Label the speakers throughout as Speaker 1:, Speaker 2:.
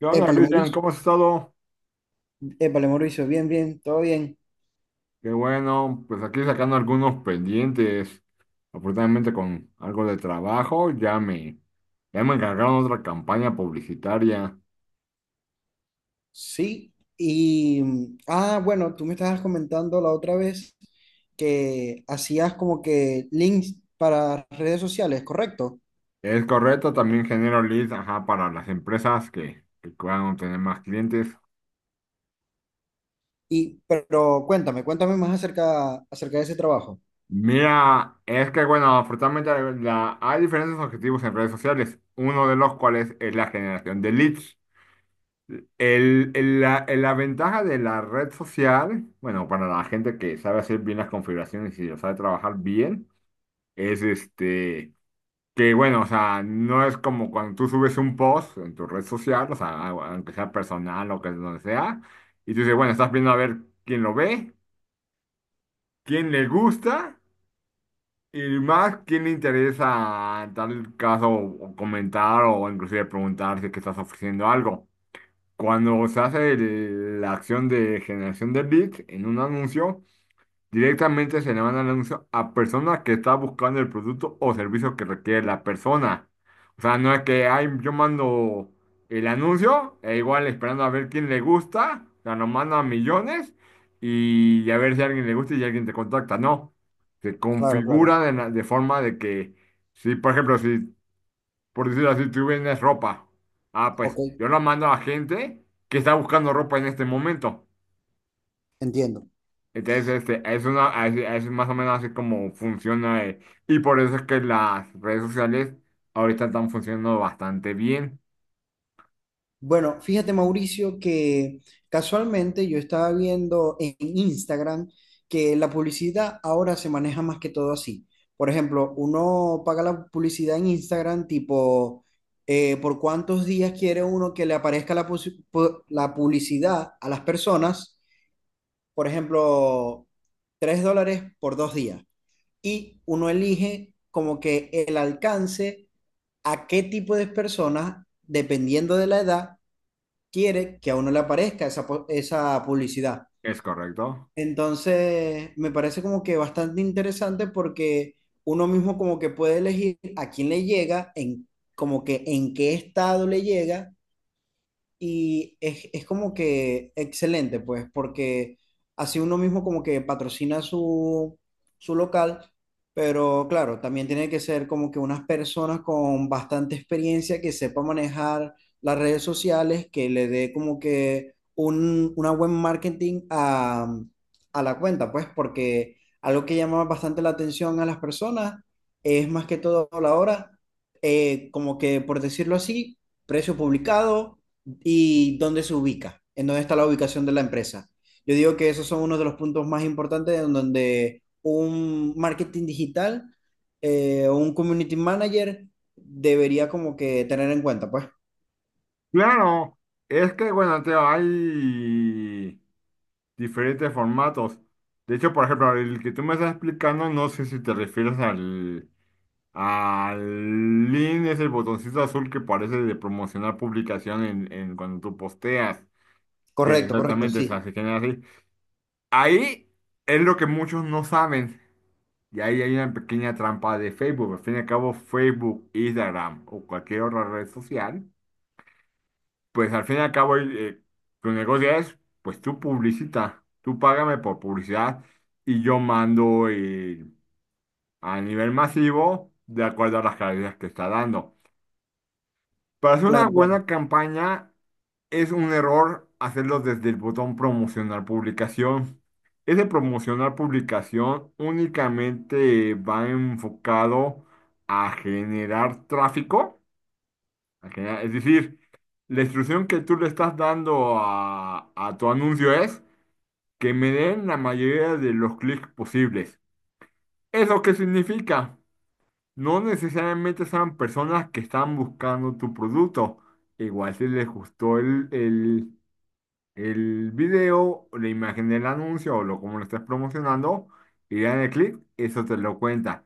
Speaker 1: ¿Qué onda,
Speaker 2: Épale,
Speaker 1: Cristian?
Speaker 2: Mauricio.
Speaker 1: ¿Cómo has estado?
Speaker 2: Épale, Mauricio. Bien, bien, todo bien.
Speaker 1: Qué bueno, pues aquí sacando algunos pendientes. Afortunadamente con algo de trabajo, ya me encargaron otra campaña publicitaria.
Speaker 2: Sí. Bueno, tú me estabas comentando la otra vez que hacías como que links para redes sociales, ¿correcto?
Speaker 1: Es correcto, también genero leads, ajá, para las empresas que puedan tener más clientes.
Speaker 2: Y pero cuéntame, cuéntame más acerca de ese trabajo.
Speaker 1: Mira, es que bueno, hay diferentes objetivos en redes sociales, uno de los cuales es la generación de leads. La ventaja de la red social, bueno, para la gente que sabe hacer bien las configuraciones y lo sabe trabajar bien, es que bueno, o sea, no es como cuando tú subes un post en tu red social, o sea, aunque sea personal o que donde sea, y tú dices, bueno, estás viendo a ver quién lo ve, quién le gusta, y más quién le interesa en tal caso o comentar o inclusive preguntar si es que estás ofreciendo algo. Cuando se hace la acción de generación de leads en un anuncio, directamente se le manda el anuncio a personas que está buscando el producto o servicio que requiere la persona. O sea, no es que ay, yo mando el anuncio e igual esperando a ver quién le gusta, o sea, lo mando a millones y a ver si a alguien le gusta y alguien te contacta. No, se
Speaker 2: Claro, claro.
Speaker 1: configura de forma de que, si por decirlo así, tú vendes ropa. Ah, pues
Speaker 2: Ok,
Speaker 1: yo la mando a gente que está buscando ropa en este momento.
Speaker 2: entiendo.
Speaker 1: Entonces, es más o menos así como funciona. Y por eso es que las redes sociales ahorita están funcionando bastante bien.
Speaker 2: Bueno, fíjate, Mauricio, que casualmente yo estaba viendo en Instagram que la publicidad ahora se maneja más que todo así. Por ejemplo, uno paga la publicidad en Instagram tipo por cuántos días quiere uno que le aparezca la publicidad a las personas. Por ejemplo, $3 por 2 días. Y uno elige como que el alcance a qué tipo de personas, dependiendo de la edad quiere que a uno le aparezca esa publicidad.
Speaker 1: ¿Es correcto?
Speaker 2: Entonces, me parece como que bastante interesante porque uno mismo como que puede elegir a quién le llega, en como que en qué estado le llega y es como que excelente, pues, porque así uno mismo como que patrocina su, su local, pero claro, también tiene que ser como que unas personas con bastante experiencia que sepa manejar las redes sociales, que le dé como que un, una buen marketing a la cuenta, pues, porque algo que llama bastante la atención a las personas es más que todo la hora, como que por decirlo así, precio publicado y dónde se ubica, en dónde está la ubicación de la empresa. Yo digo que esos son uno de los puntos más importantes en donde un marketing digital o un community manager debería como que tener en cuenta, pues.
Speaker 1: Claro, es que bueno, Teo, hay diferentes formatos. De hecho, por ejemplo, el que tú me estás explicando, no sé si te refieres al, Alin es el botoncito azul que parece de promocionar publicación en cuando tú posteas, que
Speaker 2: Correcto, correcto,
Speaker 1: exactamente o sea,
Speaker 2: sí.
Speaker 1: se genera así. Ahí es lo que muchos no saben. Y ahí hay una pequeña trampa de Facebook. Al fin y al cabo, Facebook, Instagram o cualquier otra red social, pues al fin y al cabo tu negocio es, pues tú publicita, tú págame por publicidad y yo mando a nivel masivo de acuerdo a las calidades que está dando. Para hacer una
Speaker 2: Claro, claro.
Speaker 1: buena campaña es un error hacerlo desde el botón promocionar publicación. Ese promocionar publicación únicamente va enfocado a generar tráfico, es decir, la instrucción que tú le estás dando a tu anuncio es que me den la mayoría de los clics posibles. ¿Eso qué significa? No necesariamente sean personas que están buscando tu producto. Igual si les gustó el video, o la imagen del anuncio o lo como lo estás promocionando, y dan el clic, eso te lo cuenta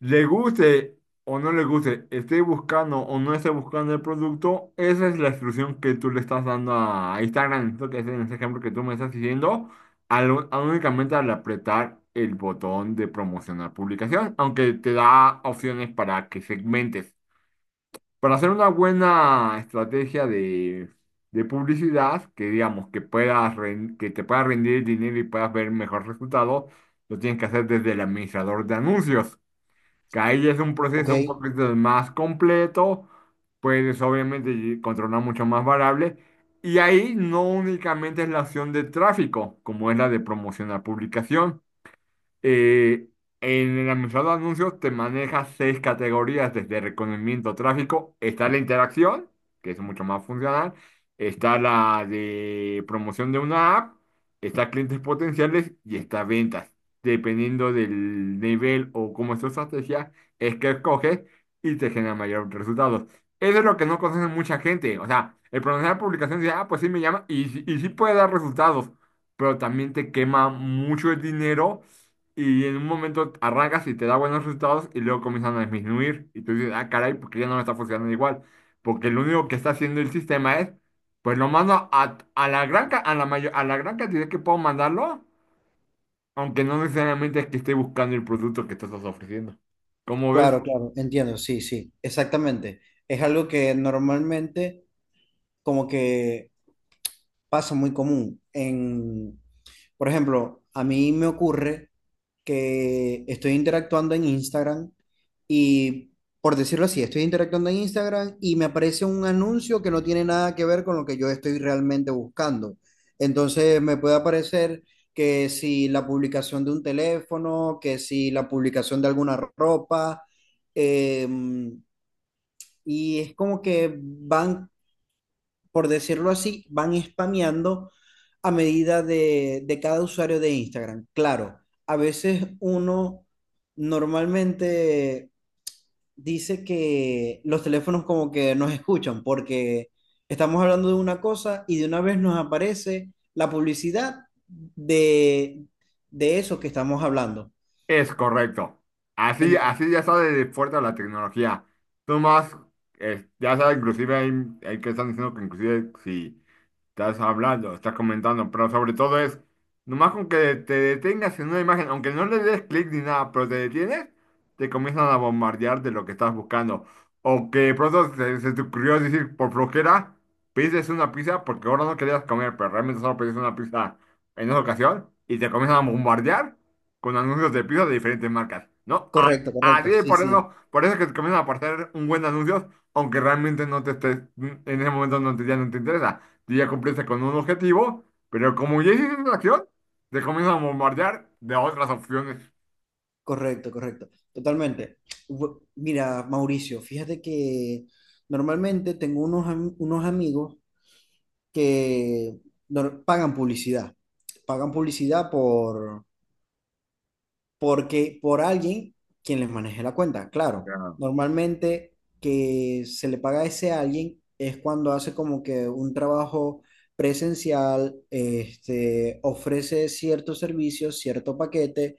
Speaker 1: le guste o no le guste, esté buscando o no esté buscando el producto, esa es la instrucción que tú le estás dando a Instagram, esto que es en ese ejemplo que tú me estás diciendo, al, al únicamente al apretar el botón de promocionar publicación, aunque te da opciones para que segmentes. Para hacer una buena estrategia de publicidad, que digamos que te pueda rendir dinero y puedas ver mejor resultado, lo tienes que hacer desde el administrador de anuncios que ahí es un
Speaker 2: Ok,
Speaker 1: proceso un poquito más completo, puedes controlar mucho más variables, y ahí no únicamente es la acción de tráfico, como es la de promocionar publicación, eh, en el administrador de anuncios te maneja seis categorías desde reconocimiento tráfico. Está la interacción, que es mucho más funcional. Está la de promoción de una app. Está clientes potenciales y está ventas. Dependiendo del nivel o cómo es tu estrategia, es que escoges y te genera mayores resultados. Eso es lo que no conoce mucha gente. O sea, el pronunciar de publicación dice, ah, pues sí me llama y sí puede dar resultados, pero también te quema mucho el dinero y en un momento arrancas y te da buenos resultados y luego comienzan a disminuir. Y tú dices, ah, caray, porque ya no me está funcionando igual. Porque lo único que está haciendo el sistema es, pues lo mando a la gran, ca- a la mayor, a la gran cantidad que puedo mandarlo, aunque no necesariamente es que esté buscando el producto que tú estás ofreciendo. Como ves,
Speaker 2: claro, claro, entiendo, sí, sí, exactamente. Es algo que normalmente como que pasa muy común en, por ejemplo, a mí me ocurre que estoy interactuando en Instagram y, por decirlo así, estoy interactuando en Instagram y me aparece un anuncio que no tiene nada que ver con lo que yo estoy realmente buscando. Entonces me puede aparecer que si la publicación de un teléfono, que si la publicación de alguna ropa, em, y es como que van por decirlo así, van spameando a medida de cada usuario de Instagram. Claro, a veces uno normalmente dice que los teléfonos como que nos escuchan porque estamos hablando de una cosa y de una vez nos aparece la publicidad de, de eso que estamos hablando.
Speaker 1: es correcto. Así,
Speaker 2: En-
Speaker 1: así ya sale de fuerte la tecnología. Tú más, ya sabes, hay que están diciendo que inclusive si estás hablando, estás comentando, pero sobre todo es, nomás con que te detengas en una imagen, aunque no le des clic ni nada, pero te detienes, te comienzan a bombardear de lo que estás buscando. O que de pronto se te ocurrió decir por flojera, pides una pizza porque ahora no querías comer, pero realmente solo pediste una pizza en esa ocasión y te comienzan a bombardear con anuncios de pizza de diferentes marcas, ¿no? A-
Speaker 2: Correcto, correcto,
Speaker 1: Así es,
Speaker 2: sí, sí.
Speaker 1: por eso es que te comienzan a aparecer un buen anuncio aunque realmente no te estés, en ese momento no te, ya no te interesa tú ya cumpliste con un objetivo, pero como ya hiciste la acción, te comienzan a bombardear de otras opciones.
Speaker 2: Correcto, correcto. Totalmente. Mira, Mauricio, fíjate que normalmente tengo unos amigos que pagan publicidad. Pagan publicidad por alguien quien les maneje la cuenta. Claro,
Speaker 1: Claro,
Speaker 2: normalmente que se le paga a ese alguien es cuando hace como que un trabajo presencial, este, ofrece ciertos servicios, cierto paquete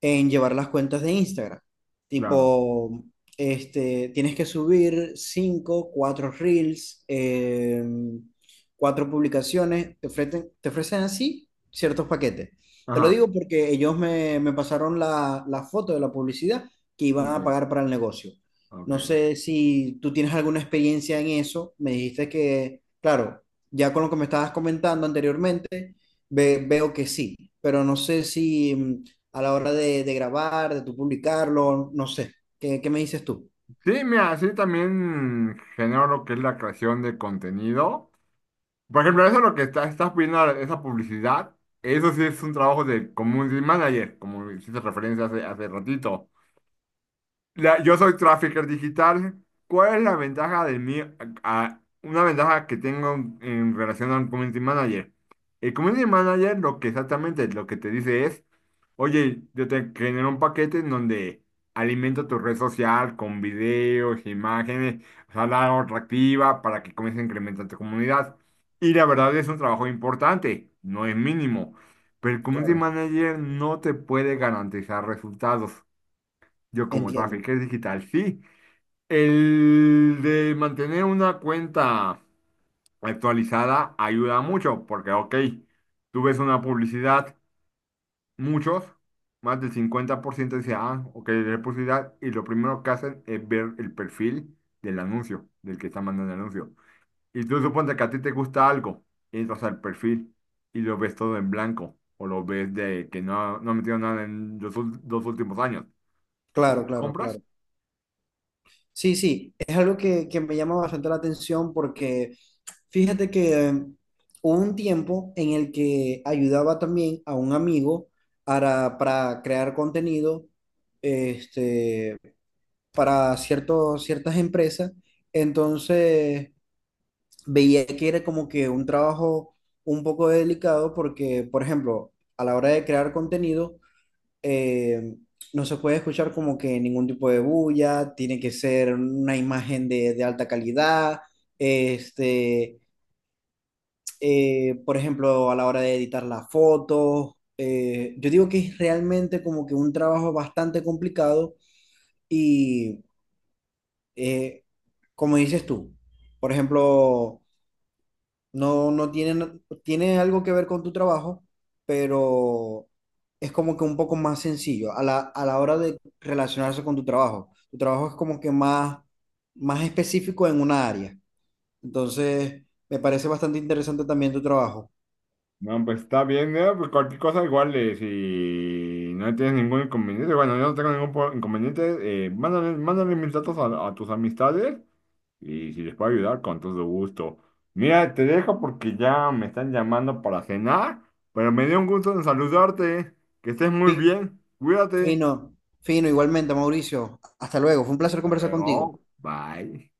Speaker 2: en llevar las cuentas de Instagram.
Speaker 1: claro.
Speaker 2: Tipo, este, tienes que subir 5 4 reels, 4 publicaciones, te ofrecen así ciertos paquetes. Te lo
Speaker 1: Ajá,
Speaker 2: digo porque ellos me pasaron la foto de la publicidad que iban
Speaker 1: ok,
Speaker 2: a pagar para el negocio. No
Speaker 1: ok.
Speaker 2: sé si tú tienes alguna experiencia en eso. Me dijiste que, claro, ya con lo que me estabas comentando anteriormente, veo que sí, pero no sé si a la hora de grabar, de tú publicarlo, no sé. ¿Qué, qué me dices tú?
Speaker 1: Sí, mira, así también genero lo que es la creación de contenido. Por ejemplo, eso es lo que está, estás pidiendo, esa publicidad, eso sí es un trabajo de community manager, como hiciste referencia hace ratito. La- yo soy trafficker digital. ¿Cuál es la ventaja de mí? A- una ventaja que tengo en relación al community manager. El community manager lo que exactamente lo que te dice es, oye, yo te genero un paquete en donde alimento tu red social con videos, imágenes, o sea, la hago atractiva para que comience a incrementar tu comunidad. Y la verdad es un trabajo importante, no es mínimo. Pero el community
Speaker 2: Claro,
Speaker 1: manager no te puede garantizar resultados. Yo como
Speaker 2: entiendo.
Speaker 1: trafficker digital, sí. El de mantener una cuenta actualizada ayuda mucho, porque, ok, tú ves una publicidad, muchos, más del 50% dice, ah, ok, es publicidad, y lo primero que hacen es ver el perfil del anuncio, del que está mandando el anuncio. Y tú suponte que a ti te gusta algo, entras al perfil y lo ves todo en blanco, o lo ves de que no, no ha metido nada en los dos últimos años.
Speaker 2: Claro, claro, claro.
Speaker 1: ¿Compras?
Speaker 2: Sí, sí, es algo que me llama bastante la atención porque fíjate que hubo un tiempo en el que ayudaba también a un amigo para crear contenido este, para ciertos, ciertas empresas. Entonces, veía que era como que un trabajo un poco delicado porque, por ejemplo, a la hora de crear contenido, eh, no se puede escuchar como que ningún tipo de bulla, tiene que ser una imagen de alta calidad, este, por ejemplo, a la hora de editar las fotos. Yo digo que es realmente como que un trabajo bastante complicado y, eh, como dices tú, por ejemplo, no, no tiene, no, tiene algo que ver con tu trabajo, pero es como que un poco más sencillo a la hora de relacionarse con tu trabajo. Tu trabajo es como que más, más específico en una área. Entonces, me parece bastante interesante también tu trabajo.
Speaker 1: No, pues está bien, ¿no? Pues cualquier cosa igual, si no tienes ningún inconveniente, bueno, yo no tengo ningún inconveniente, mándale mis datos a tus amistades y si les puedo ayudar, con todo gusto. Mira, te dejo porque ya me están llamando para cenar, pero me dio un gusto en saludarte, que estés muy
Speaker 2: Fi-
Speaker 1: bien, cuídate,
Speaker 2: Fino, fino, igualmente, Mauricio. Hasta luego. Fue un placer
Speaker 1: hasta
Speaker 2: conversar contigo.
Speaker 1: luego, bye.